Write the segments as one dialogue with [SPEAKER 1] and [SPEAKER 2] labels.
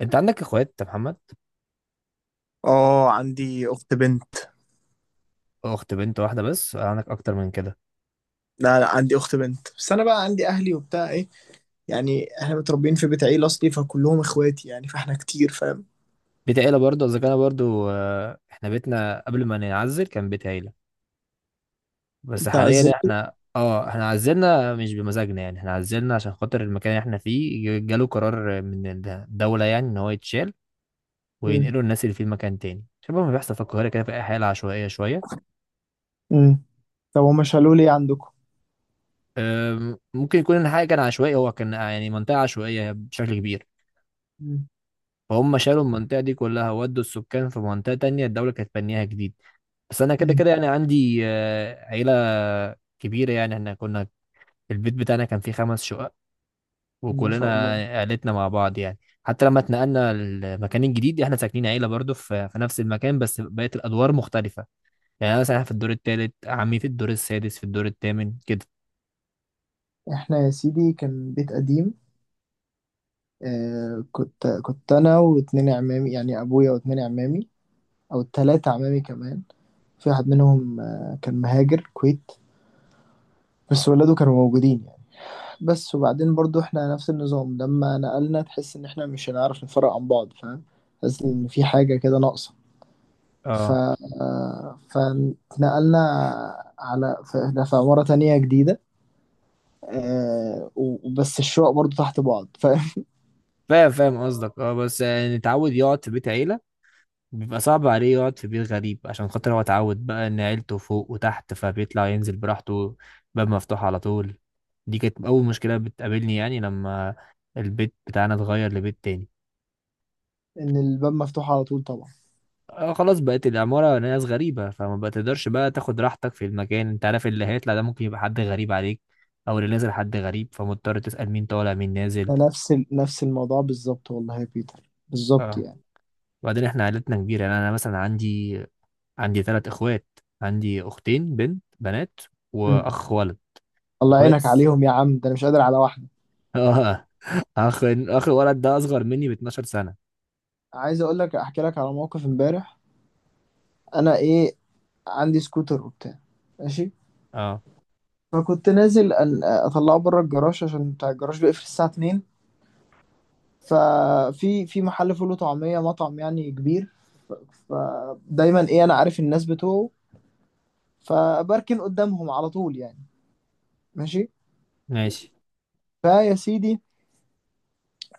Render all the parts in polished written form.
[SPEAKER 1] انت عندك اخوات يا محمد؟
[SPEAKER 2] اه، عندي اخت بنت.
[SPEAKER 1] اخت بنت واحده بس ولا عندك اكتر من كده؟
[SPEAKER 2] لا لا، عندي اخت بنت بس. انا بقى عندي اهلي وبتاع ايه، يعني احنا متربيين في بيت عيله اصلي فكلهم اخواتي يعني، فاحنا كتير فاهم.
[SPEAKER 1] بيت عيله برضه اذا كان برضه، احنا بيتنا قبل ما نعزل كان بيت عيله. بس
[SPEAKER 2] انت عزلت؟
[SPEAKER 1] حاليا احنا عزلنا مش بمزاجنا، يعني احنا عزلنا عشان خاطر المكان اللي احنا فيه جاله قرار من الدوله يعني ان هو يتشال
[SPEAKER 2] امم
[SPEAKER 1] وينقلوا الناس اللي فيه مكان تاني، شبه ما بيحصل في القاهره كده في اي حاله عشوائيه شويه.
[SPEAKER 2] امم. طب هما شالوا لي إيه عندكم؟
[SPEAKER 1] ممكن يكون الحقيقه كان عشوائي، هو كان يعني منطقه عشوائيه بشكل كبير.
[SPEAKER 2] امم
[SPEAKER 1] فهم شالوا المنطقه دي كلها ودوا السكان في منطقه تانية الدوله كانت بنيها جديد. بس انا كده
[SPEAKER 2] امم.
[SPEAKER 1] كده يعني عندي عيله كبيره، يعني احنا كنا البيت بتاعنا كان فيه خمس شقق
[SPEAKER 2] ما شاء
[SPEAKER 1] وكلنا
[SPEAKER 2] الله.
[SPEAKER 1] عيلتنا مع بعض يعني. حتى لما اتنقلنا المكان الجديد احنا ساكنين عيله برضه في نفس المكان، بس بقت الادوار مختلفه. يعني انا مثلا في الدور الثالث، عمي في الدور السادس، في الدور الثامن كده.
[SPEAKER 2] احنا يا سيدي كان بيت قديم. آه، كنت انا واتنين عمامي، يعني ابويا واتنين عمامي او تلاتة عمامي كمان. في واحد منهم آه، كان مهاجر كويت بس ولاده كانوا موجودين. بس وبعدين برضو احنا نفس النظام، لما نقلنا تحس ان احنا مش هنعرف نفرق عن بعض فاهم، تحس ان في حاجة كده ناقصة. ف
[SPEAKER 1] اه
[SPEAKER 2] فنقلنا على، فاحنا في عمارة تانية جديدة آه، وبس الشقق برضو تحت بعض فاهم.
[SPEAKER 1] فاهم فاهم قصدك. اه بس يعني نتعود يقعد في بيت عيله، بيبقى صعب عليه يقعد في بيت غريب عشان خاطر هو اتعود بقى ان عيلته فوق وتحت فبيطلع ينزل براحته، باب مفتوح على طول. دي كانت اول مشكلة بتقابلني يعني لما البيت بتاعنا اتغير لبيت تاني.
[SPEAKER 2] ان الباب مفتوح على طول طبعا.
[SPEAKER 1] خلاص بقت العمارة ناس غريبة، فما بتقدرش بقى تاخد راحتك في المكان. انت عارف اللي هيطلع ده ممكن يبقى حد غريب عليك، او اللي نازل حد غريب، فمضطر تسأل مين طالع مين نازل.
[SPEAKER 2] ده نفس نفس الموضوع بالظبط، والله يا بيتر بالظبط
[SPEAKER 1] اه
[SPEAKER 2] يعني.
[SPEAKER 1] وبعدين احنا عيلتنا كبيرة، يعني انا مثلا عندي ثلاث اخوات، عندي اختين بنت بنات
[SPEAKER 2] مم.
[SPEAKER 1] واخ ولد.
[SPEAKER 2] الله
[SPEAKER 1] اخويا
[SPEAKER 2] يعينك
[SPEAKER 1] بس
[SPEAKER 2] عليهم يا عم، ده انا مش قادر على واحدة.
[SPEAKER 1] اه اخ اخ الولد ده اصغر مني ب 12 سنة.
[SPEAKER 2] عايز اقول لك، احكي لك على موقف امبارح. انا ايه، عندي سكوتر وبتاع. ماشي.
[SPEAKER 1] اه،
[SPEAKER 2] فكنت نازل أن اطلعه بره الجراج عشان بتاع الجراج بيقفل الساعه 2. ففي محل فول وطعميه، مطعم يعني كبير، فدايما ايه، انا عارف الناس بتوعه، فبركن قدامهم على طول يعني. ماشي.
[SPEAKER 1] ماشي.
[SPEAKER 2] فيا سيدي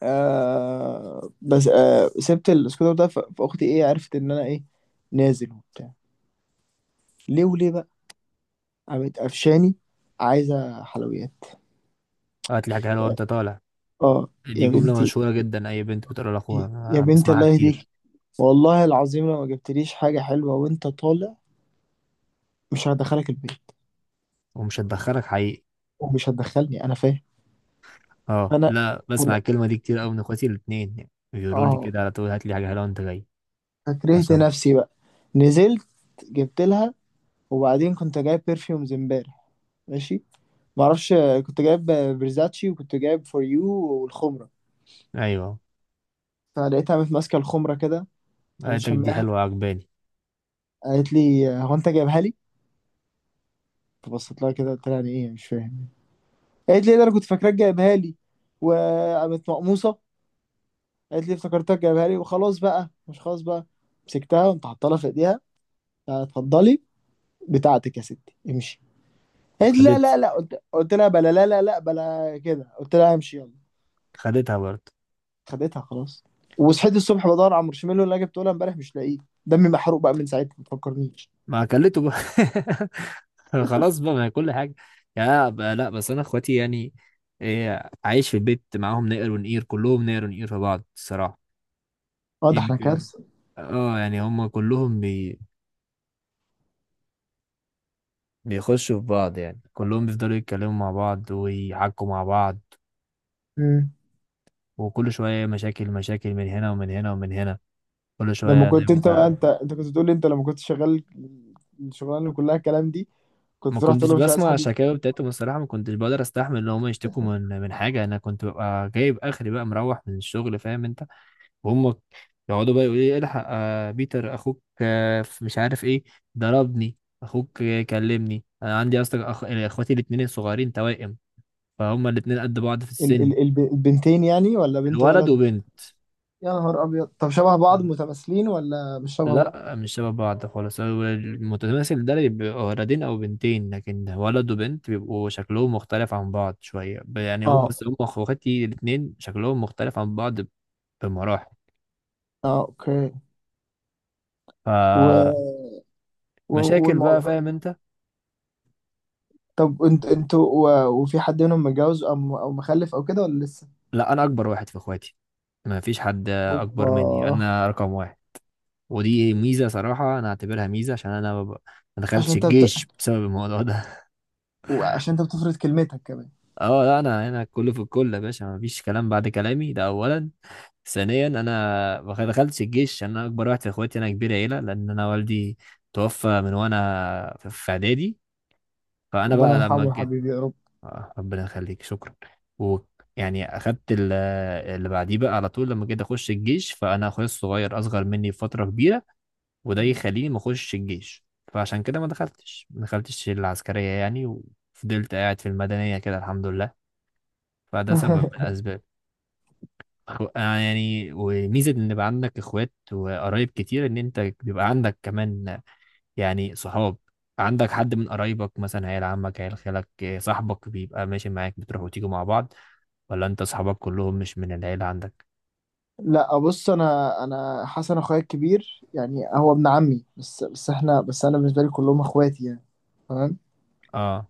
[SPEAKER 2] آه، بس آه سبت السكوتر ده فاختي ايه، عرفت ان انا ايه، نازل وبتاع. ليه وليه بقى؟ قامت قفشاني، عايزه حلويات.
[SPEAKER 1] هات لي حاجة حلوة وانت طالع،
[SPEAKER 2] اه.
[SPEAKER 1] دي
[SPEAKER 2] يا
[SPEAKER 1] جملة
[SPEAKER 2] بنتي،
[SPEAKER 1] مشهورة جدا اي بنت بتقولها لاخوها،
[SPEAKER 2] يا
[SPEAKER 1] أنا
[SPEAKER 2] بنتي
[SPEAKER 1] بسمعها
[SPEAKER 2] الله يهديك،
[SPEAKER 1] كتير.
[SPEAKER 2] والله العظيم لو ما جبتليش حاجة حلوة وانت طالع مش هدخلك البيت.
[SPEAKER 1] ومش هتدخلك حقيقي.
[SPEAKER 2] ومش هتدخلني انا فاهم.
[SPEAKER 1] اه
[SPEAKER 2] انا
[SPEAKER 1] لا، بسمع
[SPEAKER 2] أنا-
[SPEAKER 1] الكلمة دي كتير قوي من اخواتي الاتنين، يعني بيقولوا لي
[SPEAKER 2] اه،
[SPEAKER 1] كده على طول هات لي حاجة حلوة وانت جاي.
[SPEAKER 2] فكرهت
[SPEAKER 1] عشان،
[SPEAKER 2] نفسي بقى، نزلت جبت لها. وبعدين كنت جايب برفيومز امبارح، ماشي، معرفش، كنت جايب برزاتشي، وكنت جايب فور يو، والخمرة.
[SPEAKER 1] ايوه.
[SPEAKER 2] فلقيتها قامت ماسكة الخمرة كده، قامت
[SPEAKER 1] قالتك دي
[SPEAKER 2] شماها،
[SPEAKER 1] حلوة عجباني.
[SPEAKER 2] قالت لي هو انت جايبها لي؟ فبصيت لها كده قلت لها يعني ايه مش فاهم. قالت لي ده انا كنت فاكراك جايبها لي، وقامت مقموصة. قالت لي افتكرتك جايبها لي وخلاص بقى، مش خلاص بقى. مسكتها وقمت حاطه لها في ايديها، آه اتفضلي بتاعتك يا ستي، امشي. قالت لي لا
[SPEAKER 1] خدت
[SPEAKER 2] لا لا، قلت لها بلا لا لا لا بلا كده، قلت لها امشي يلا.
[SPEAKER 1] خدتها برضه.
[SPEAKER 2] خدتها خلاص. وصحيت الصبح بدور على المارشميلو اللي انا جبته لها امبارح مش لاقيه. دمي محروق بقى من ساعتها، ما تفكرنيش.
[SPEAKER 1] ما اكلته بقى خلاص بقى، ما هي كل حاجة. يا بقى لا، بس أنا إخواتي يعني إيه، عايش في البيت معاهم نقر ونقير، كلهم نقر ونقير في بعض الصراحة.
[SPEAKER 2] اه ده احنا
[SPEAKER 1] يمكن
[SPEAKER 2] كارثه.
[SPEAKER 1] اه، يعني هم كلهم بيخشوا في بعض، يعني كلهم بيفضلوا يتكلموا مع بعض ويحكوا مع بعض،
[SPEAKER 2] امم.
[SPEAKER 1] وكل شوية مشاكل مشاكل من هنا ومن هنا ومن هنا، كل
[SPEAKER 2] لما
[SPEAKER 1] شوية ده
[SPEAKER 2] كنت انت بقى
[SPEAKER 1] بتاع.
[SPEAKER 2] انت انت كنت بتقول لي انت لما كنت شغال الشغلانه اللي كلها الكلام دي، كنت
[SPEAKER 1] ما
[SPEAKER 2] تروح تقول
[SPEAKER 1] كنتش
[SPEAKER 2] له مش عايز
[SPEAKER 1] بسمع
[SPEAKER 2] حد
[SPEAKER 1] الشكاوي بتاعتهم الصراحة، ما كنتش بقدر استحمل ان هم يشتكوا من حاجة، انا كنت ببقى جايب اخري بقى مروح من الشغل فاهم انت، وهم يقعدوا بقى يقولوا لي الحق بيتر اخوك في مش عارف ايه، ضربني، اخوك كلمني. انا عندي اصلا اخواتي الاتنين الصغيرين توائم، فهم الاتنين قد بعض في السن.
[SPEAKER 2] البنتين يعني، ولا بنت
[SPEAKER 1] الولد
[SPEAKER 2] ولد؟
[SPEAKER 1] وبنت.
[SPEAKER 2] يا نهار ابيض، طب شبه بعض
[SPEAKER 1] مم.
[SPEAKER 2] متماثلين ولا مش شبه بعض؟
[SPEAKER 1] لا مش شبه بعض خالص، هو المتماثل ده اللي بيبقوا ولدين او بنتين، لكن ولد وبنت بيبقوا شكلهم مختلف عن بعض شويه، ب- يعني هم
[SPEAKER 2] اه.
[SPEAKER 1] بس هم اخواتي الاتنين شكلهم مختلف عن بعض بمراحل.
[SPEAKER 2] اه اوكي. و...
[SPEAKER 1] فمشاكل
[SPEAKER 2] و...
[SPEAKER 1] بقى
[SPEAKER 2] والموضوع.
[SPEAKER 1] فاهم انت.
[SPEAKER 2] طب انت انتوا وفي حد منهم متجوز او او مخلف او كده، ولا لسه؟
[SPEAKER 1] لا انا اكبر واحد في اخواتي، ما فيش حد اكبر
[SPEAKER 2] اوبا.
[SPEAKER 1] مني، انا رقم واحد. ودي ميزه صراحه انا اعتبرها ميزه، عشان انا ما
[SPEAKER 2] عشان
[SPEAKER 1] دخلتش
[SPEAKER 2] انت بت...
[SPEAKER 1] الجيش بسبب الموضوع ده.
[SPEAKER 2] عشان انت بتفرض كلمتك كمان.
[SPEAKER 1] اه لا، انا كله في الكل يا باشا، ما فيش كلام بعد كلامي ده اولا. ثانيا انا ما دخلتش الجيش عشان انا اكبر واحد في اخواتي، انا كبير عيله، لان انا والدي توفى من وانا في اعدادي، فانا
[SPEAKER 2] ربنا
[SPEAKER 1] بقى
[SPEAKER 2] يرحمه
[SPEAKER 1] لما
[SPEAKER 2] يا
[SPEAKER 1] جيت.
[SPEAKER 2] حبيبي يا رب.
[SPEAKER 1] آه، ربنا يخليك، شكرا. و يعني اخدت اللي بعديه بقى على طول، لما جيت اخش الجيش فانا اخويا الصغير اصغر مني بفتره كبيره، وده يخليني ما اخش الجيش، فعشان كده ما دخلتش العسكرية، يعني وفضلت قاعد في المدنية كده الحمد لله. فده سبب من الأسباب. يعني وميزة إن يبقى عندك إخوات وقرايب كتير، إن أنت بيبقى عندك كمان يعني صحاب. عندك حد من قرايبك مثلا عيال عمك عيال خالك، صاحبك بيبقى ماشي معاك بتروحوا وتيجوا مع بعض، ولا أنت صحابك كلهم مش من العيلة عندك؟
[SPEAKER 2] لا بص، انا حسن اخويا الكبير يعني، هو ابن عمي بس، بس احنا بس انا بالنسبه لي كلهم اخواتي يعني. تمام.
[SPEAKER 1] اه.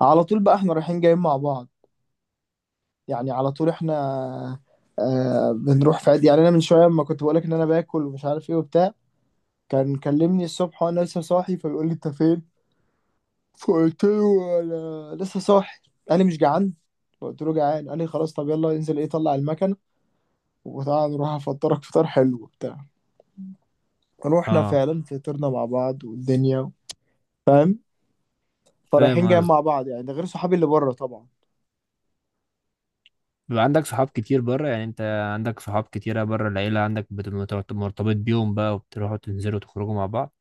[SPEAKER 2] على طول بقى احنا رايحين جايين مع بعض يعني، على طول احنا آه، بنروح في عادي يعني. انا من شويه لما كنت بقولك ان انا باكل ومش عارف ايه وبتاع، كان كلمني الصبح وانا لسه صاحي، فبيقول لي انت فين؟ فقلت له انا لسه صاحي. قال لي مش جعان؟ فقلت له جعان. قال لي خلاص طب يلا انزل ايه طلع المكنه وتعالى نروح افطرك فطار حلو وبتاع. فروحنا
[SPEAKER 1] اه
[SPEAKER 2] فعلا فطرنا مع بعض والدنيا فاهم.
[SPEAKER 1] فاهم.
[SPEAKER 2] فرايحين جايين مع بعض يعني، ده غير صحابي اللي بره طبعا.
[SPEAKER 1] بيبقى عندك صحاب كتير بره يعني، انت عندك صحاب كتيرة بره العيلة، عندك مرتبط بيهم بقى وبتروحوا تنزلوا تخرجوا مع بعض.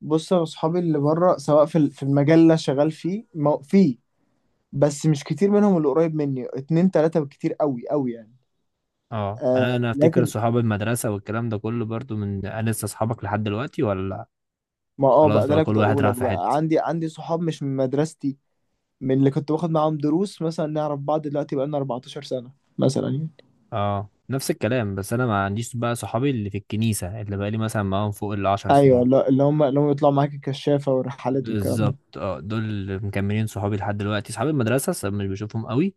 [SPEAKER 2] بص، يا صحابي اللي بره، سواء في المجال اللي أنا شغال فيه في، بس مش كتير منهم اللي قريب مني، اتنين تلاتة بالكتير قوي قوي يعني.
[SPEAKER 1] اه انا
[SPEAKER 2] آه
[SPEAKER 1] انا افتكر
[SPEAKER 2] لكن،
[SPEAKER 1] صحاب المدرسة والكلام ده كله برضو من انا لسه صحابك لحد دلوقتي ولا
[SPEAKER 2] ما اه
[SPEAKER 1] خلاص
[SPEAKER 2] بقى ده
[SPEAKER 1] بقى
[SPEAKER 2] اللي
[SPEAKER 1] كل
[SPEAKER 2] كنت
[SPEAKER 1] واحد
[SPEAKER 2] اقوله
[SPEAKER 1] راح
[SPEAKER 2] لك،
[SPEAKER 1] في
[SPEAKER 2] بقى
[SPEAKER 1] حتة؟
[SPEAKER 2] عندي صحاب مش من مدرستي، من اللي كنت باخد معاهم دروس مثلا، نعرف بعض دلوقتي بقالنا 14 سنة مثلا يعني.
[SPEAKER 1] اه نفس الكلام، بس انا ما عنديش بقى صحابي اللي في الكنيسة اللي بقى لي مثلا معاهم فوق العشر
[SPEAKER 2] ايوه،
[SPEAKER 1] سنين.
[SPEAKER 2] اللي هم يطلعوا معاك الكشافة والرحلات والكلام ده.
[SPEAKER 1] بالظبط، اه دول اللي مكملين صحابي لحد دلوقتي، صحاب المدرسة مش بشوفهم قوي،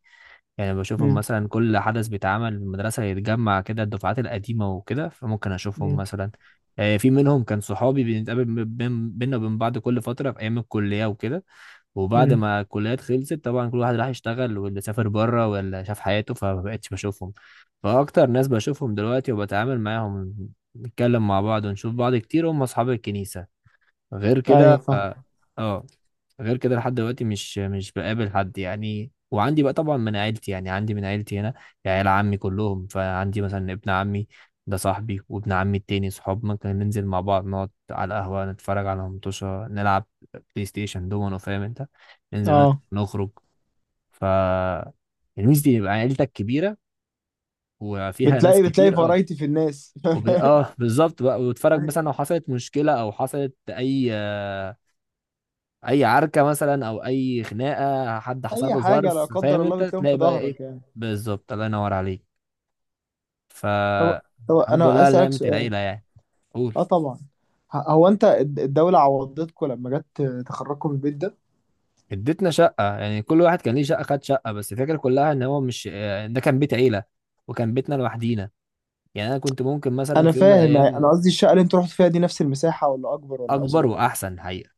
[SPEAKER 1] يعني بشوفهم
[SPEAKER 2] امم
[SPEAKER 1] مثلا كل حدث بيتعمل في المدرسة يتجمع كده الدفعات القديمة وكده، فممكن أشوفهم
[SPEAKER 2] امم
[SPEAKER 1] مثلا. في منهم كان صحابي بنتقابل بينا وبين بعض كل فترة في أيام الكلية وكده، وبعد
[SPEAKER 2] امم
[SPEAKER 1] ما الكليات خلصت طبعا كل واحد راح يشتغل، واللي سافر بره واللي شاف حياته، فمبقتش بشوفهم. فأكتر ناس بشوفهم دلوقتي وبتعامل معاهم نتكلم مع بعض ونشوف بعض كتير هم أصحاب الكنيسة. غير كده
[SPEAKER 2] ايوه فاهم.
[SPEAKER 1] آه. غير كده لحد دلوقتي مش بقابل حد يعني، وعندي بقى طبعا من عيلتي، يعني عندي من عيلتي هنا عيال عمي كلهم، فعندي مثلا ابن عمي ده صاحبي، وابن عمي التاني صحاب، ممكن ننزل مع بعض نقعد على القهوة نتفرج على مطوشة نلعب بلاي ستيشن دومينو فاهم انت، ننزل
[SPEAKER 2] اه،
[SPEAKER 1] نخرج. ف الميزة دي يبقى عيلتك كبيرة وفيها ناس
[SPEAKER 2] بتلاقي
[SPEAKER 1] كتير، اه.
[SPEAKER 2] فرايتي في الناس.
[SPEAKER 1] بالظبط بقى، وتتفرج مثلا لو
[SPEAKER 2] ايوه،
[SPEAKER 1] حصلت مشكلة او حصلت اي اي عركه مثلا او اي خناقه حد حصل
[SPEAKER 2] اي
[SPEAKER 1] له
[SPEAKER 2] حاجة لا
[SPEAKER 1] ظرف، فاهم
[SPEAKER 2] قدر
[SPEAKER 1] انت،
[SPEAKER 2] الله بتلاقيهم
[SPEAKER 1] تلاقي
[SPEAKER 2] في
[SPEAKER 1] بقى ايه.
[SPEAKER 2] ظهرك يعني.
[SPEAKER 1] بالظبط، الله ينور عليك.
[SPEAKER 2] طب طب
[SPEAKER 1] فالحمد لله
[SPEAKER 2] انا
[SPEAKER 1] على
[SPEAKER 2] اسألك
[SPEAKER 1] نعمه
[SPEAKER 2] سؤال.
[SPEAKER 1] العيله يعني. قول.
[SPEAKER 2] اه طبعا. هو انت الدولة عوضتكم لما جت تخرجكم من البيت ده؟
[SPEAKER 1] اديتنا شقه، يعني كل واحد كان ليه شقه خد شقه، بس الفكره كلها ان هو مش، ده كان بيت عيله وكان بيتنا لوحدينا، يعني انا كنت ممكن مثلا
[SPEAKER 2] انا
[SPEAKER 1] في يوم من
[SPEAKER 2] فاهم،
[SPEAKER 1] الايام.
[SPEAKER 2] انا قصدي الشقة اللي انتوا رحتوا فيها دي نفس المساحة ولا اكبر ولا
[SPEAKER 1] اكبر
[SPEAKER 2] اصغر ولا؟
[SPEAKER 1] واحسن حقيقه.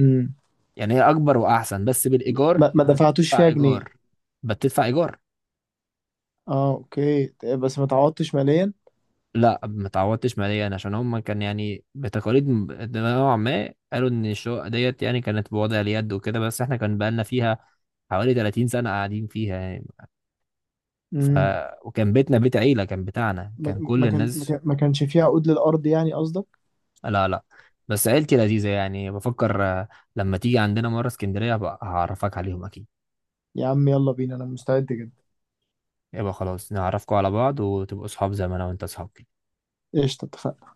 [SPEAKER 2] امم.
[SPEAKER 1] يعني هي اكبر واحسن بس بالايجار،
[SPEAKER 2] ما
[SPEAKER 1] فانت
[SPEAKER 2] دفعتوش
[SPEAKER 1] بتدفع
[SPEAKER 2] فيها جنيه.
[SPEAKER 1] ايجار، بتدفع ايجار.
[SPEAKER 2] اه اوكي طيب، بس ما تعوضتش ماليا.
[SPEAKER 1] لا ما اتعودتش ماليا، عشان هم كان يعني بتقاليد نوعا ما قالوا ان الشقه ديت يعني كانت بوضع اليد وكده، بس احنا كان بقالنا فيها حوالي 30 سنه قاعدين فيها يعني. ف
[SPEAKER 2] امم.
[SPEAKER 1] وكان بيتنا بيت عيله كان بتاعنا،
[SPEAKER 2] ما
[SPEAKER 1] كان كل
[SPEAKER 2] ما كان ما
[SPEAKER 1] الناس.
[SPEAKER 2] كان- ما كانش فيها عقود للارض يعني قصدك.
[SPEAKER 1] لا لا. بس عيلتي لذيذه يعني، بفكر لما تيجي عندنا مره اسكندريه هبقى هعرفك عليهم اكيد.
[SPEAKER 2] يا عم يلا بينا انا مستعد جدا.
[SPEAKER 1] يبقى خلاص نعرفكم على بعض وتبقوا اصحاب زي ما انا وانت اصحاب.
[SPEAKER 2] قشطة اتفقنا.